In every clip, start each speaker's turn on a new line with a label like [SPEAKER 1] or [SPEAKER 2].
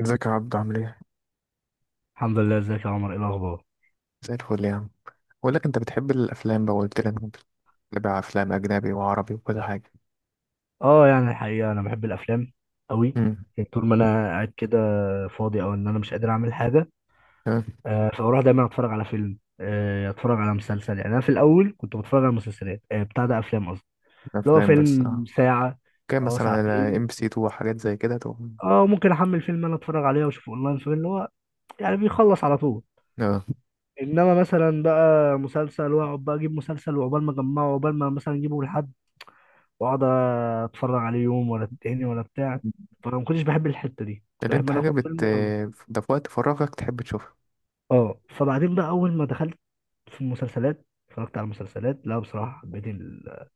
[SPEAKER 1] ازيك يا عبدو عامل ايه؟
[SPEAKER 2] الحمد لله. ازيك يا عمر؟ ايه الاخبار؟
[SPEAKER 1] زي الفل يا عم. بقول لك، انت بتحب الافلام بقى قلت لي انك بتتابع افلام اجنبي وعربي وكل حاجه.
[SPEAKER 2] اه، يعني الحقيقه انا بحب الافلام قوي.
[SPEAKER 1] امم.
[SPEAKER 2] يعني طول ما انا قاعد كده فاضي او ان انا مش قادر اعمل حاجه،
[SPEAKER 1] تمام.
[SPEAKER 2] آه فاروح دايما اتفرج على فيلم، آه اتفرج على مسلسل. يعني انا في الاول كنت بتفرج على مسلسلات، آه بتاع ده افلام قصدي، اللي هو
[SPEAKER 1] افلام بس،
[SPEAKER 2] فيلم
[SPEAKER 1] اه.
[SPEAKER 2] ساعه،
[SPEAKER 1] كان
[SPEAKER 2] اه
[SPEAKER 1] مثلا على ام
[SPEAKER 2] ساعتين.
[SPEAKER 1] بي سي 2 وحاجات زي كده.
[SPEAKER 2] اه ممكن احمل فيلم انا اتفرج عليه واشوفه اونلاين، فيلم اللي هو يعني بيخلص على طول.
[SPEAKER 1] اه.
[SPEAKER 2] انما مثلا بقى مسلسل، واقعد بقى اجيب مسلسل وعقبال ما اجمعه وعقبال ما مثلا اجيبه لحد، واقعد اتفرج عليه يوم ولا التاني ولا بتاع.
[SPEAKER 1] مم.
[SPEAKER 2] فانا ما كنتش بحب الحته دي، كنت
[SPEAKER 1] اللي
[SPEAKER 2] بحب
[SPEAKER 1] انت
[SPEAKER 2] ان انا
[SPEAKER 1] حاجه
[SPEAKER 2] اخد فيلم
[SPEAKER 1] بت
[SPEAKER 2] واخلص.
[SPEAKER 1] ده في وقت فراغك تحب تشوفها.
[SPEAKER 2] اه، فبعدين بقى اول ما دخلت في المسلسلات اتفرجت على المسلسلات، لا بصراحه حبيت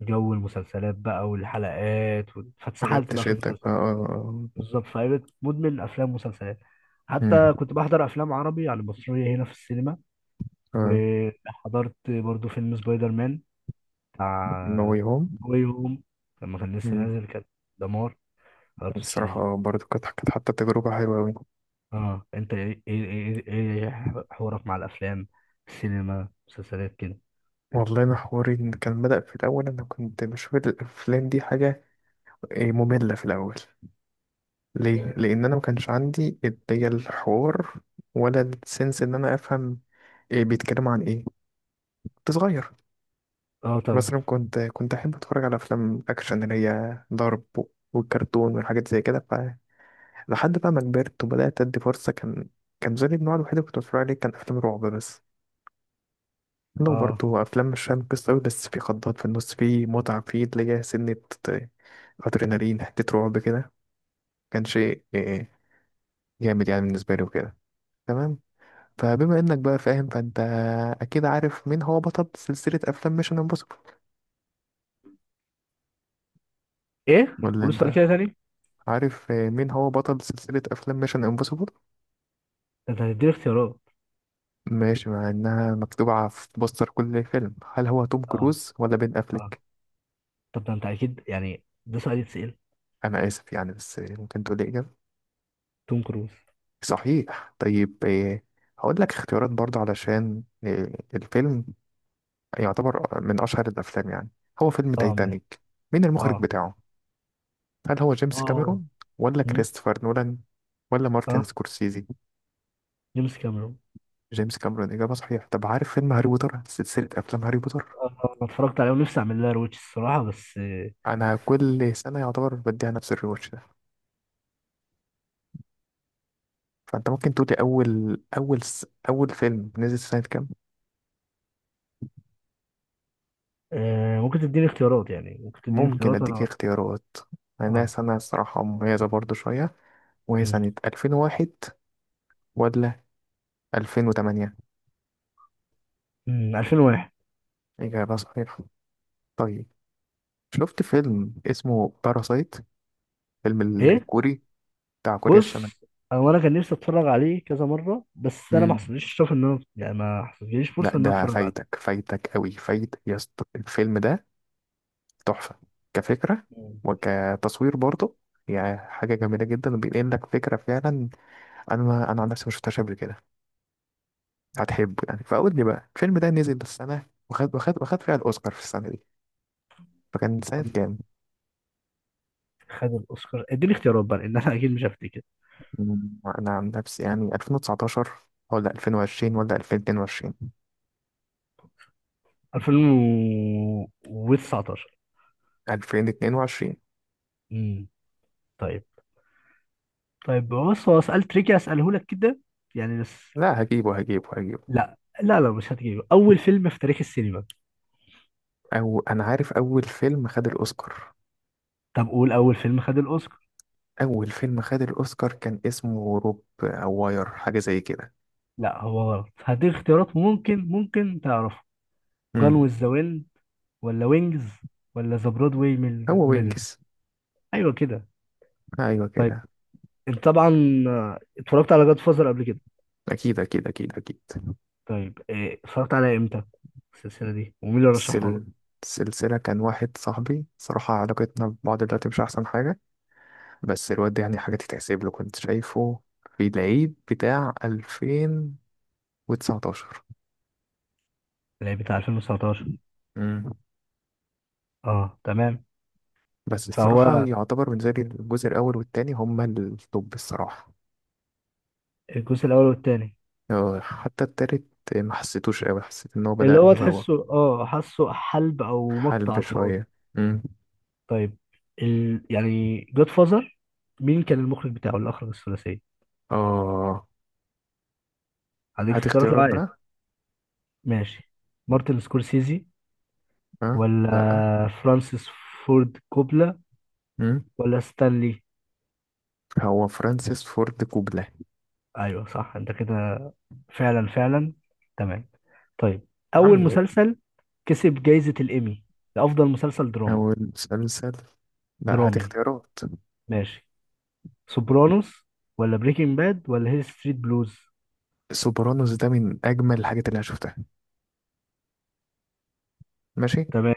[SPEAKER 2] جو المسلسلات بقى والحلقات
[SPEAKER 1] حاجات
[SPEAKER 2] فاتسحلت بقى في
[SPEAKER 1] تشدك بقى،
[SPEAKER 2] المسلسلات.
[SPEAKER 1] اه.
[SPEAKER 2] بالظبط، فبقيت مدمن افلام ومسلسلات. حتى
[SPEAKER 1] امم.
[SPEAKER 2] كنت بحضر افلام عربي على المصريه هنا في السينما،
[SPEAKER 1] اه،
[SPEAKER 2] وحضرت برضو فيلم سبايدر مان
[SPEAKER 1] نوي
[SPEAKER 2] بتاع
[SPEAKER 1] هوم.
[SPEAKER 2] واي هوم لما كان لسه
[SPEAKER 1] امم.
[SPEAKER 2] نازل، كان دمار. حضرته 3D.
[SPEAKER 1] الصراحه برضو كانت حتى تجربه حلوه قوي.
[SPEAKER 2] اه انت ايه ايه ايه إيه إيه حوارك مع الافلام، السينما، مسلسلات كده؟
[SPEAKER 1] والله انا حواري إن كان بدأ في الاول، انا كنت بشوف الافلام دي حاجه إيه، ممله في الاول. ليه؟ لأن أنا ما كانش عندي اللي هي الحوار ولا السنس إن أنا أفهم إيه بيتكلم عن إيه، كنت صغير.
[SPEAKER 2] اه طبعا.
[SPEAKER 1] مثلا كنت أحب أتفرج على أفلام أكشن اللي هي ضرب والكرتون والحاجات زي كده. فلحد بقى ما كبرت وبدأت أدي فرصة، كان كان زي النوع الوحيد اللي كنت بتفرج عليه كان أفلام رعب بس، لو
[SPEAKER 2] اه،
[SPEAKER 1] برضه أفلام مش فاهم قصة أوي، بس في خضات في النص، في متعة، في اللي هي سنة أدرينالين، حتة رعب كده، كان شيء إيه، جامد يعني بالنسبة لي وكده. تمام. فبما انك بقى فاهم، فانت اكيد عارف مين هو بطل سلسلة افلام ميشن امبوسيبل.
[SPEAKER 2] ايه؟
[SPEAKER 1] ولا
[SPEAKER 2] قول السؤال
[SPEAKER 1] انت
[SPEAKER 2] كده تاني ده.
[SPEAKER 1] عارف مين هو بطل سلسلة افلام ميشن امبوسيبل؟
[SPEAKER 2] انت هتديني اختيارات؟
[SPEAKER 1] ماشي، مع انها مكتوبة على في بوستر كل فيلم، هل هو توم
[SPEAKER 2] اه.
[SPEAKER 1] كروز ولا بين
[SPEAKER 2] اه،
[SPEAKER 1] افليك؟
[SPEAKER 2] طب ده انت اكيد، يعني ده سؤال يتسأل.
[SPEAKER 1] انا اسف يعني، بس ممكن تقول لي اجابة؟
[SPEAKER 2] توم كروز.
[SPEAKER 1] صحيح. طيب إيه، هقول لك اختيارات برضه علشان إيه، الفيلم يعتبر من اشهر الافلام يعني. هو فيلم
[SPEAKER 2] اه ماشي.
[SPEAKER 1] تايتانيك، مين المخرج
[SPEAKER 2] اه.
[SPEAKER 1] بتاعه؟ هل هو جيمس
[SPEAKER 2] اه.
[SPEAKER 1] كاميرون ولا
[SPEAKER 2] مم.
[SPEAKER 1] كريستوفر نولان ولا مارتن
[SPEAKER 2] اه،
[SPEAKER 1] سكورسيزي؟
[SPEAKER 2] جيمس كاميرون.
[SPEAKER 1] جيمس كاميرون، إجابة صحيحة. طب عارف فيلم هاري بوتر، سلسلة أفلام هاري بوتر؟
[SPEAKER 2] اه، آه، انا اتفرجت عليه ونفسي اعمل لها رويتش الصراحه، بس
[SPEAKER 1] أنا كل سنة يعتبر بديها نفس الريواتش ده. فأنت ممكن تقولي أول فيلم نزل سنة كام؟
[SPEAKER 2] آه ممكن تديني اختيارات يعني ممكن تديني
[SPEAKER 1] ممكن
[SPEAKER 2] اختيارات
[SPEAKER 1] أديك
[SPEAKER 2] انا.
[SPEAKER 1] اختيارات. أنا
[SPEAKER 2] اه.
[SPEAKER 1] سنة الصراحة مميزة برضو شوية، وهي
[SPEAKER 2] مم.
[SPEAKER 1] سنة 2001 ولا 2008؟
[SPEAKER 2] مم، 2001.
[SPEAKER 1] إجابة صحيحة. طيب شفت فيلم اسمه باراسايت؟ فيلم
[SPEAKER 2] ايه،
[SPEAKER 1] الكوري، بتاع كوريا
[SPEAKER 2] بص، هو انا كان نفسي اتفرج عليه كذا مره، بس انا ما
[SPEAKER 1] الشمالية.
[SPEAKER 2] حصلليش الشرف ان انا، يعني ما حصلليش
[SPEAKER 1] لا،
[SPEAKER 2] فرصه ان انا
[SPEAKER 1] ده
[SPEAKER 2] اتفرج
[SPEAKER 1] فايتك
[SPEAKER 2] عليه.
[SPEAKER 1] فايتك قوي فايتك يا اسطى، الفيلم ده تحفة كفكرة
[SPEAKER 2] مم.
[SPEAKER 1] وكتصوير برضه، يعني حاجة جميلة جدا وبينقل لك فكرة فعلا. أنا عن نفسي ما شفتهاش قبل كده. هتحبه يعني، فقول لي بقى الفيلم ده نزل السنة وخد وخد وخد فيها الأوسكار في السنة دي، فكان سنة
[SPEAKER 2] أم-
[SPEAKER 1] كام؟
[SPEAKER 2] خد الاوسكار. اديني اختيارات بقى لان انا اكيد مش هفتكر.
[SPEAKER 1] مم، أنا عن نفسي يعني 2019 ولا 2020 ولا 2022؟
[SPEAKER 2] 2019.
[SPEAKER 1] 2022.
[SPEAKER 2] امم. طيب. طيب بص، هو سؤال تريكي اساله لك كده يعني، بس
[SPEAKER 1] لا، هجيبه هجيبه هجيبه.
[SPEAKER 2] لا. لا مش هتجيبه، اول فيلم في تاريخ السينما.
[SPEAKER 1] أو أنا عارف أول فيلم خد الأوسكار.
[SPEAKER 2] طب قول اول فيلم خد الاوسكار.
[SPEAKER 1] اول فيلم خد الاوسكار كان اسمه روب او واير، حاجه زي كده.
[SPEAKER 2] لا هو غلط. هديك اختيارات، ممكن ممكن تعرفه. جون
[SPEAKER 1] امم.
[SPEAKER 2] ويز ذا ويند، ولا وينجز، ولا ذا برودواي
[SPEAKER 1] هو
[SPEAKER 2] ميل؟
[SPEAKER 1] وينجز.
[SPEAKER 2] ايوه كده.
[SPEAKER 1] ايوه
[SPEAKER 2] طيب،
[SPEAKER 1] كده.
[SPEAKER 2] انت طبعا آه، اتفرجت على جاد فازر قبل كده.
[SPEAKER 1] اكيد اكيد اكيد اكيد.
[SPEAKER 2] طيب إيه، اتفرجت عليها امتى، السلسله دي، ومين اللي رشحها لك؟
[SPEAKER 1] السل... السلسله كان واحد صاحبي، صراحه علاقتنا ببعض دلوقتي مش احسن حاجه، بس الواد ده يعني حاجه تتحسب له، كنت شايفه في العيد بتاع 2019.
[SPEAKER 2] اللي هي بتاع 2019.
[SPEAKER 1] امم.
[SPEAKER 2] اه تمام.
[SPEAKER 1] بس الصراحه
[SPEAKER 2] فهو
[SPEAKER 1] يعتبر بالنسبه لي الجزء الاول والتاني هما التوب الصراحه.
[SPEAKER 2] الجزء الاول والتاني.
[SPEAKER 1] آه، حتى التالت ما حسيتوش قوي، حسيت ان هو
[SPEAKER 2] اللي
[SPEAKER 1] بدأ
[SPEAKER 2] هو
[SPEAKER 1] يبوخ.
[SPEAKER 2] تحسه اه حاسه حلب او مقطع
[SPEAKER 1] حلب
[SPEAKER 2] على الفاضي.
[SPEAKER 1] شوية. مم.
[SPEAKER 2] طيب، يعني جاد فازر، مين كان المخرج بتاعه اللي اخرج الثلاثيه؟
[SPEAKER 1] اه،
[SPEAKER 2] هديك
[SPEAKER 1] هات
[SPEAKER 2] اختيارات لو
[SPEAKER 1] اختيارات
[SPEAKER 2] عايز.
[SPEAKER 1] بقى.
[SPEAKER 2] ماشي، مارتن سكورسيزي،
[SPEAKER 1] اه،
[SPEAKER 2] ولا
[SPEAKER 1] لا.
[SPEAKER 2] فرانسيس فورد كوبلا،
[SPEAKER 1] مم.
[SPEAKER 2] ولا ستانلي؟
[SPEAKER 1] هو فرانسيس فورد كوبلا.
[SPEAKER 2] ايوه صح، انت كده فعلا. تمام. طيب، اول
[SPEAKER 1] عمي.
[SPEAKER 2] مسلسل كسب جائزة الايمي لافضل مسلسل درامي.
[SPEAKER 1] أول مسلسل. لا، هات
[SPEAKER 2] درامي.
[SPEAKER 1] اختيارات.
[SPEAKER 2] ماشي، سوبرانوس ولا بريكنج باد ولا هيل ستريت بلوز؟
[SPEAKER 1] سوبرانوس ده من أجمل الحاجات اللي أنا شفتها. ماشي،
[SPEAKER 2] تمام.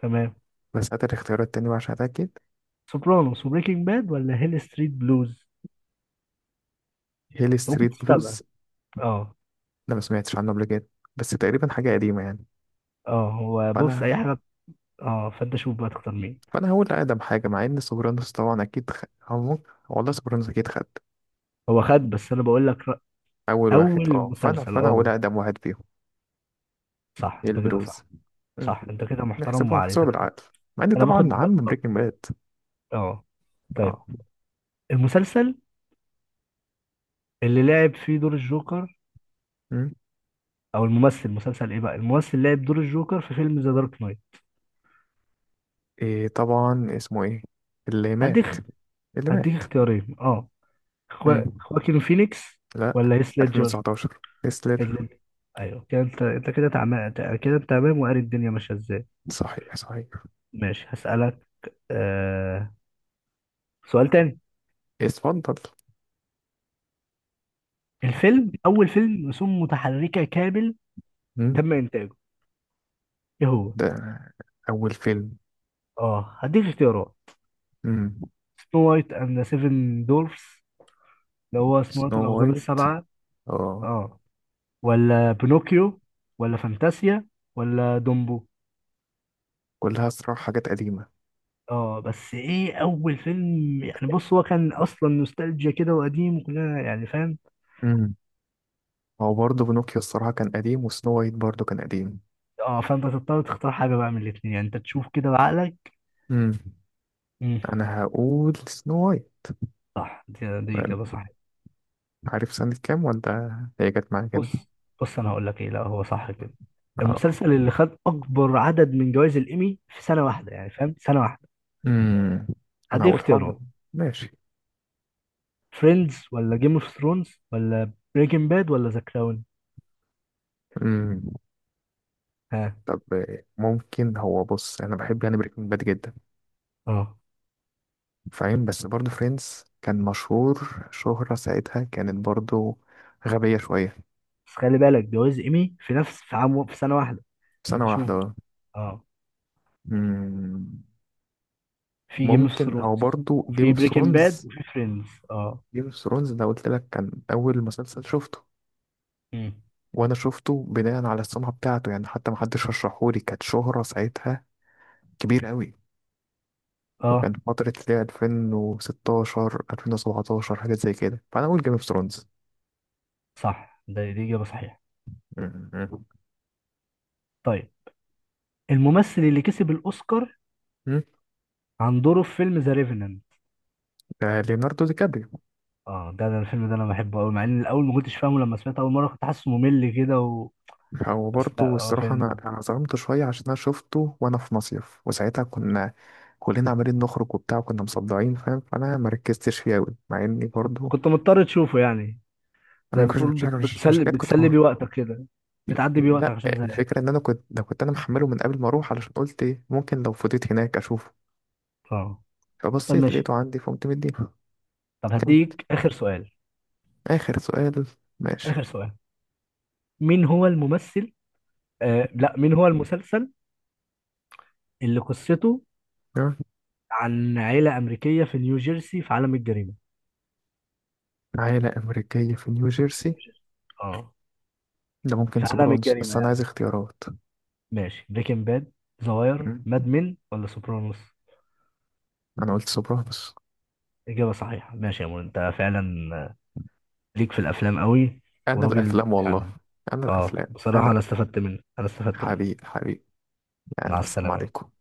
[SPEAKER 2] تمام.
[SPEAKER 1] بس هات الاختيارات تاني بقى عشان أتأكد.
[SPEAKER 2] سوبرانوس وبريكنج باد ولا هيل ستريت بلوز؟
[SPEAKER 1] هيل
[SPEAKER 2] انت ممكن
[SPEAKER 1] ستريت
[SPEAKER 2] تستبعد.
[SPEAKER 1] بلوز،
[SPEAKER 2] اه.
[SPEAKER 1] ده ما سمعتش عنه قبل كده، بس تقريبا حاجة قديمة يعني.
[SPEAKER 2] اه هو بص
[SPEAKER 1] فأنا
[SPEAKER 2] اي حاجه. اه فانت شوف بقى تختار مين.
[SPEAKER 1] فأنا هقول أقدم حاجة، مع إن سوبرانوس طبعا أكيد هو ممكن، والله سوبرانوس أكيد خد
[SPEAKER 2] هو خد، بس انا بقول لك
[SPEAKER 1] أول واحد،
[SPEAKER 2] اول
[SPEAKER 1] أه. فأنا
[SPEAKER 2] مسلسل.
[SPEAKER 1] فأنا هقول
[SPEAKER 2] اه
[SPEAKER 1] أقدم واحد فيهم.
[SPEAKER 2] صح
[SPEAKER 1] هي
[SPEAKER 2] انت كده
[SPEAKER 1] البلوز.
[SPEAKER 2] صح. صح انت كده، محترم
[SPEAKER 1] نحسبها نحسبها
[SPEAKER 2] وعليتك حلو.
[SPEAKER 1] بالعقل، مع ان
[SPEAKER 2] انا
[SPEAKER 1] طبعا عم بريكنج باد.
[SPEAKER 2] اه. طيب،
[SPEAKER 1] اه.
[SPEAKER 2] المسلسل اللي لعب فيه دور الجوكر،
[SPEAKER 1] مم.
[SPEAKER 2] او الممثل مسلسل ايه بقى الممثل لعب دور الجوكر في فيلم ذا دارك نايت.
[SPEAKER 1] ايه طبعا، اسمه ايه، اللي مات،
[SPEAKER 2] هديك
[SPEAKER 1] اللي
[SPEAKER 2] هديك
[SPEAKER 1] مات؟
[SPEAKER 2] اختيارين اه.
[SPEAKER 1] مم.
[SPEAKER 2] خواكين فينيكس،
[SPEAKER 1] لا،
[SPEAKER 2] ولا هيث ليدجر؟
[SPEAKER 1] 2019
[SPEAKER 2] هيث
[SPEAKER 1] تسلر.
[SPEAKER 2] ليدجر. ايوه كده، انت كده تمام كده، انت تمام، وقاري الدنيا ماشيه ازاي.
[SPEAKER 1] صحيح صحيح.
[SPEAKER 2] ماشي، هسألك آه، سؤال تاني.
[SPEAKER 1] اتفضل.
[SPEAKER 2] الفيلم، اول فيلم رسوم متحركه كامل
[SPEAKER 1] مم.
[SPEAKER 2] تم انتاجه، ايه هو؟
[SPEAKER 1] ده اول فيلم.
[SPEAKER 2] اه هديك اختيارات.
[SPEAKER 1] مم.
[SPEAKER 2] سنو وايت اند ذا سيفن دورفز، اللي هو سنو
[SPEAKER 1] سنو
[SPEAKER 2] وايت والاقزام
[SPEAKER 1] وايت،
[SPEAKER 2] السبعه
[SPEAKER 1] اه.
[SPEAKER 2] اه، ولا بينوكيو، ولا فانتاسيا، ولا دومبو؟
[SPEAKER 1] كلها صراحة حاجات قديمة.
[SPEAKER 2] اه بس ايه اول فيلم؟ يعني بص هو كان اصلا نوستالجيا كده وقديم وكلنا يعني فاهم.
[SPEAKER 1] مم. هو برضه بنوكيو الصراحة كان قديم، وسنو وايت برضه كان قديم.
[SPEAKER 2] اه فانت تضطر تختار حاجه بقى من الاثنين، يعني انت تشوف كده بعقلك.
[SPEAKER 1] مم.
[SPEAKER 2] امم.
[SPEAKER 1] انا هقول سنو وايت.
[SPEAKER 2] صح، دي اجابه صح.
[SPEAKER 1] عارف سنة كام ولا؟ هي جت معايا كده.
[SPEAKER 2] بص، بص انا هقول لك ايه، لا هو صح كده.
[SPEAKER 1] اه.
[SPEAKER 2] المسلسل اللي خد اكبر عدد من جوائز الايمي في سنه واحده، يعني فاهم، سنه واحده.
[SPEAKER 1] امم. انا
[SPEAKER 2] هدي
[SPEAKER 1] هقول حب.
[SPEAKER 2] اختيارات.
[SPEAKER 1] ماشي.
[SPEAKER 2] فريندز، ولا جيم اوف ثرونز، ولا بريكنج باد، ولا ذا كراون؟
[SPEAKER 1] امم.
[SPEAKER 2] ها.
[SPEAKER 1] طب آه، ممكن هو، بص انا بحب يعني بريكنج باد جدا
[SPEAKER 2] اه
[SPEAKER 1] فاهم، بس برضه فريندز كان مشهور شهرة ساعتها كانت برضه غبية شوية.
[SPEAKER 2] بس خلي بالك جواز ايمي في نفس في عام في سنه واحده.
[SPEAKER 1] سنة
[SPEAKER 2] فانت شوف
[SPEAKER 1] واحدة،
[SPEAKER 2] بقى.
[SPEAKER 1] اه.
[SPEAKER 2] اه.
[SPEAKER 1] امم.
[SPEAKER 2] في جيم اوف
[SPEAKER 1] ممكن هو
[SPEAKER 2] ثرونز،
[SPEAKER 1] برضه جيم
[SPEAKER 2] وفي
[SPEAKER 1] اوف
[SPEAKER 2] بريكنج باد،
[SPEAKER 1] ثرونز.
[SPEAKER 2] وفي فريندز اه.
[SPEAKER 1] جيم اوف ثرونز ده قلت لك كان اول مسلسل شفته،
[SPEAKER 2] مم.
[SPEAKER 1] وانا شفته بناء على السمعة بتاعته يعني، حتى ما حدش رشحهولي، كانت شهرة ساعتها كبيرة قوي، فكان
[SPEAKER 2] اه
[SPEAKER 1] فترة اللي هي 2016 2017 حاجات زي كده، فأنا أقول جيم اوف ثرونز.
[SPEAKER 2] صح، ده دي اجابه صحيحه. طيب، الممثل اللي كسب الاوسكار عن دوره في فيلم ذا ريفننت.
[SPEAKER 1] ليوناردو دي كابريو.
[SPEAKER 2] اه، ده ده الفيلم ده انا بحبه قوي، مع ان الاول ما كنتش فاهمه، لما سمعته اول مره كنت حاسه ممل كده و...
[SPEAKER 1] هو
[SPEAKER 2] بس
[SPEAKER 1] برضه
[SPEAKER 2] لا هو
[SPEAKER 1] الصراحة أنا
[SPEAKER 2] فيلم.
[SPEAKER 1] أنا ظلمت شوية عشان أنا شفته وأنا في مصيف، وساعتها كنا كلنا عمالين نخرج وبتاع وكنا مصدعين فاهم، فأنا مركزتش فيه أوي، مع إني
[SPEAKER 2] كنت
[SPEAKER 1] برضه
[SPEAKER 2] كنت مضطر تشوفه يعني،
[SPEAKER 1] أنا
[SPEAKER 2] زي
[SPEAKER 1] ما كنتش
[SPEAKER 2] بتقول
[SPEAKER 1] مش حاجة مش
[SPEAKER 2] بتسلي
[SPEAKER 1] حاجات كنت
[SPEAKER 2] بتسلي بيه وقتك كده، بتعدي بيه وقتك
[SPEAKER 1] لا،
[SPEAKER 2] عشان زهقان.
[SPEAKER 1] الفكرة إن أنا كنت ده، كنت أنا محمله من قبل ما أروح، علشان قلت إيه ممكن لو فضيت هناك أشوفه،
[SPEAKER 2] اه طب
[SPEAKER 1] فبصيت
[SPEAKER 2] ماشي.
[SPEAKER 1] لقيته عندي فقمت مديه.
[SPEAKER 2] طب
[SPEAKER 1] كمل.
[SPEAKER 2] هديك آخر سؤال.
[SPEAKER 1] آخر سؤال. ماشي.
[SPEAKER 2] آخر سؤال، مين هو الممثل، آه لا مين هو المسلسل اللي قصته
[SPEAKER 1] جرب.
[SPEAKER 2] عن عيلة أمريكية في نيوجيرسي في عالم الجريمة؟
[SPEAKER 1] عائلة أمريكية في نيو
[SPEAKER 2] في
[SPEAKER 1] جيرسي.
[SPEAKER 2] نيوجيرسي، اه،
[SPEAKER 1] ده ممكن
[SPEAKER 2] في عالم
[SPEAKER 1] سوبرانوس،
[SPEAKER 2] الجريمة
[SPEAKER 1] بس أنا عايز
[SPEAKER 2] يعني.
[SPEAKER 1] اختيارات.
[SPEAKER 2] ماشي، بريكنج باد، ذا واير،
[SPEAKER 1] مم.
[SPEAKER 2] ماد مين، ولا سوبرانوس؟
[SPEAKER 1] أنا قلت سوبرانوس.
[SPEAKER 2] إجابة صحيحة. ماشي يا مول، أنت فعلا ليك في الأفلام قوي.
[SPEAKER 1] أنا
[SPEAKER 2] وراجل
[SPEAKER 1] الأفلام والله،
[SPEAKER 2] يعني.
[SPEAKER 1] أنا
[SPEAKER 2] اه
[SPEAKER 1] الأفلام أنا
[SPEAKER 2] بصراحة أنا
[SPEAKER 1] الأفلام.
[SPEAKER 2] استفدت منك أنا استفدت منك
[SPEAKER 1] حبيب حبيب.
[SPEAKER 2] مع
[SPEAKER 1] يلا، السلام
[SPEAKER 2] السلامة.
[SPEAKER 1] عليكم.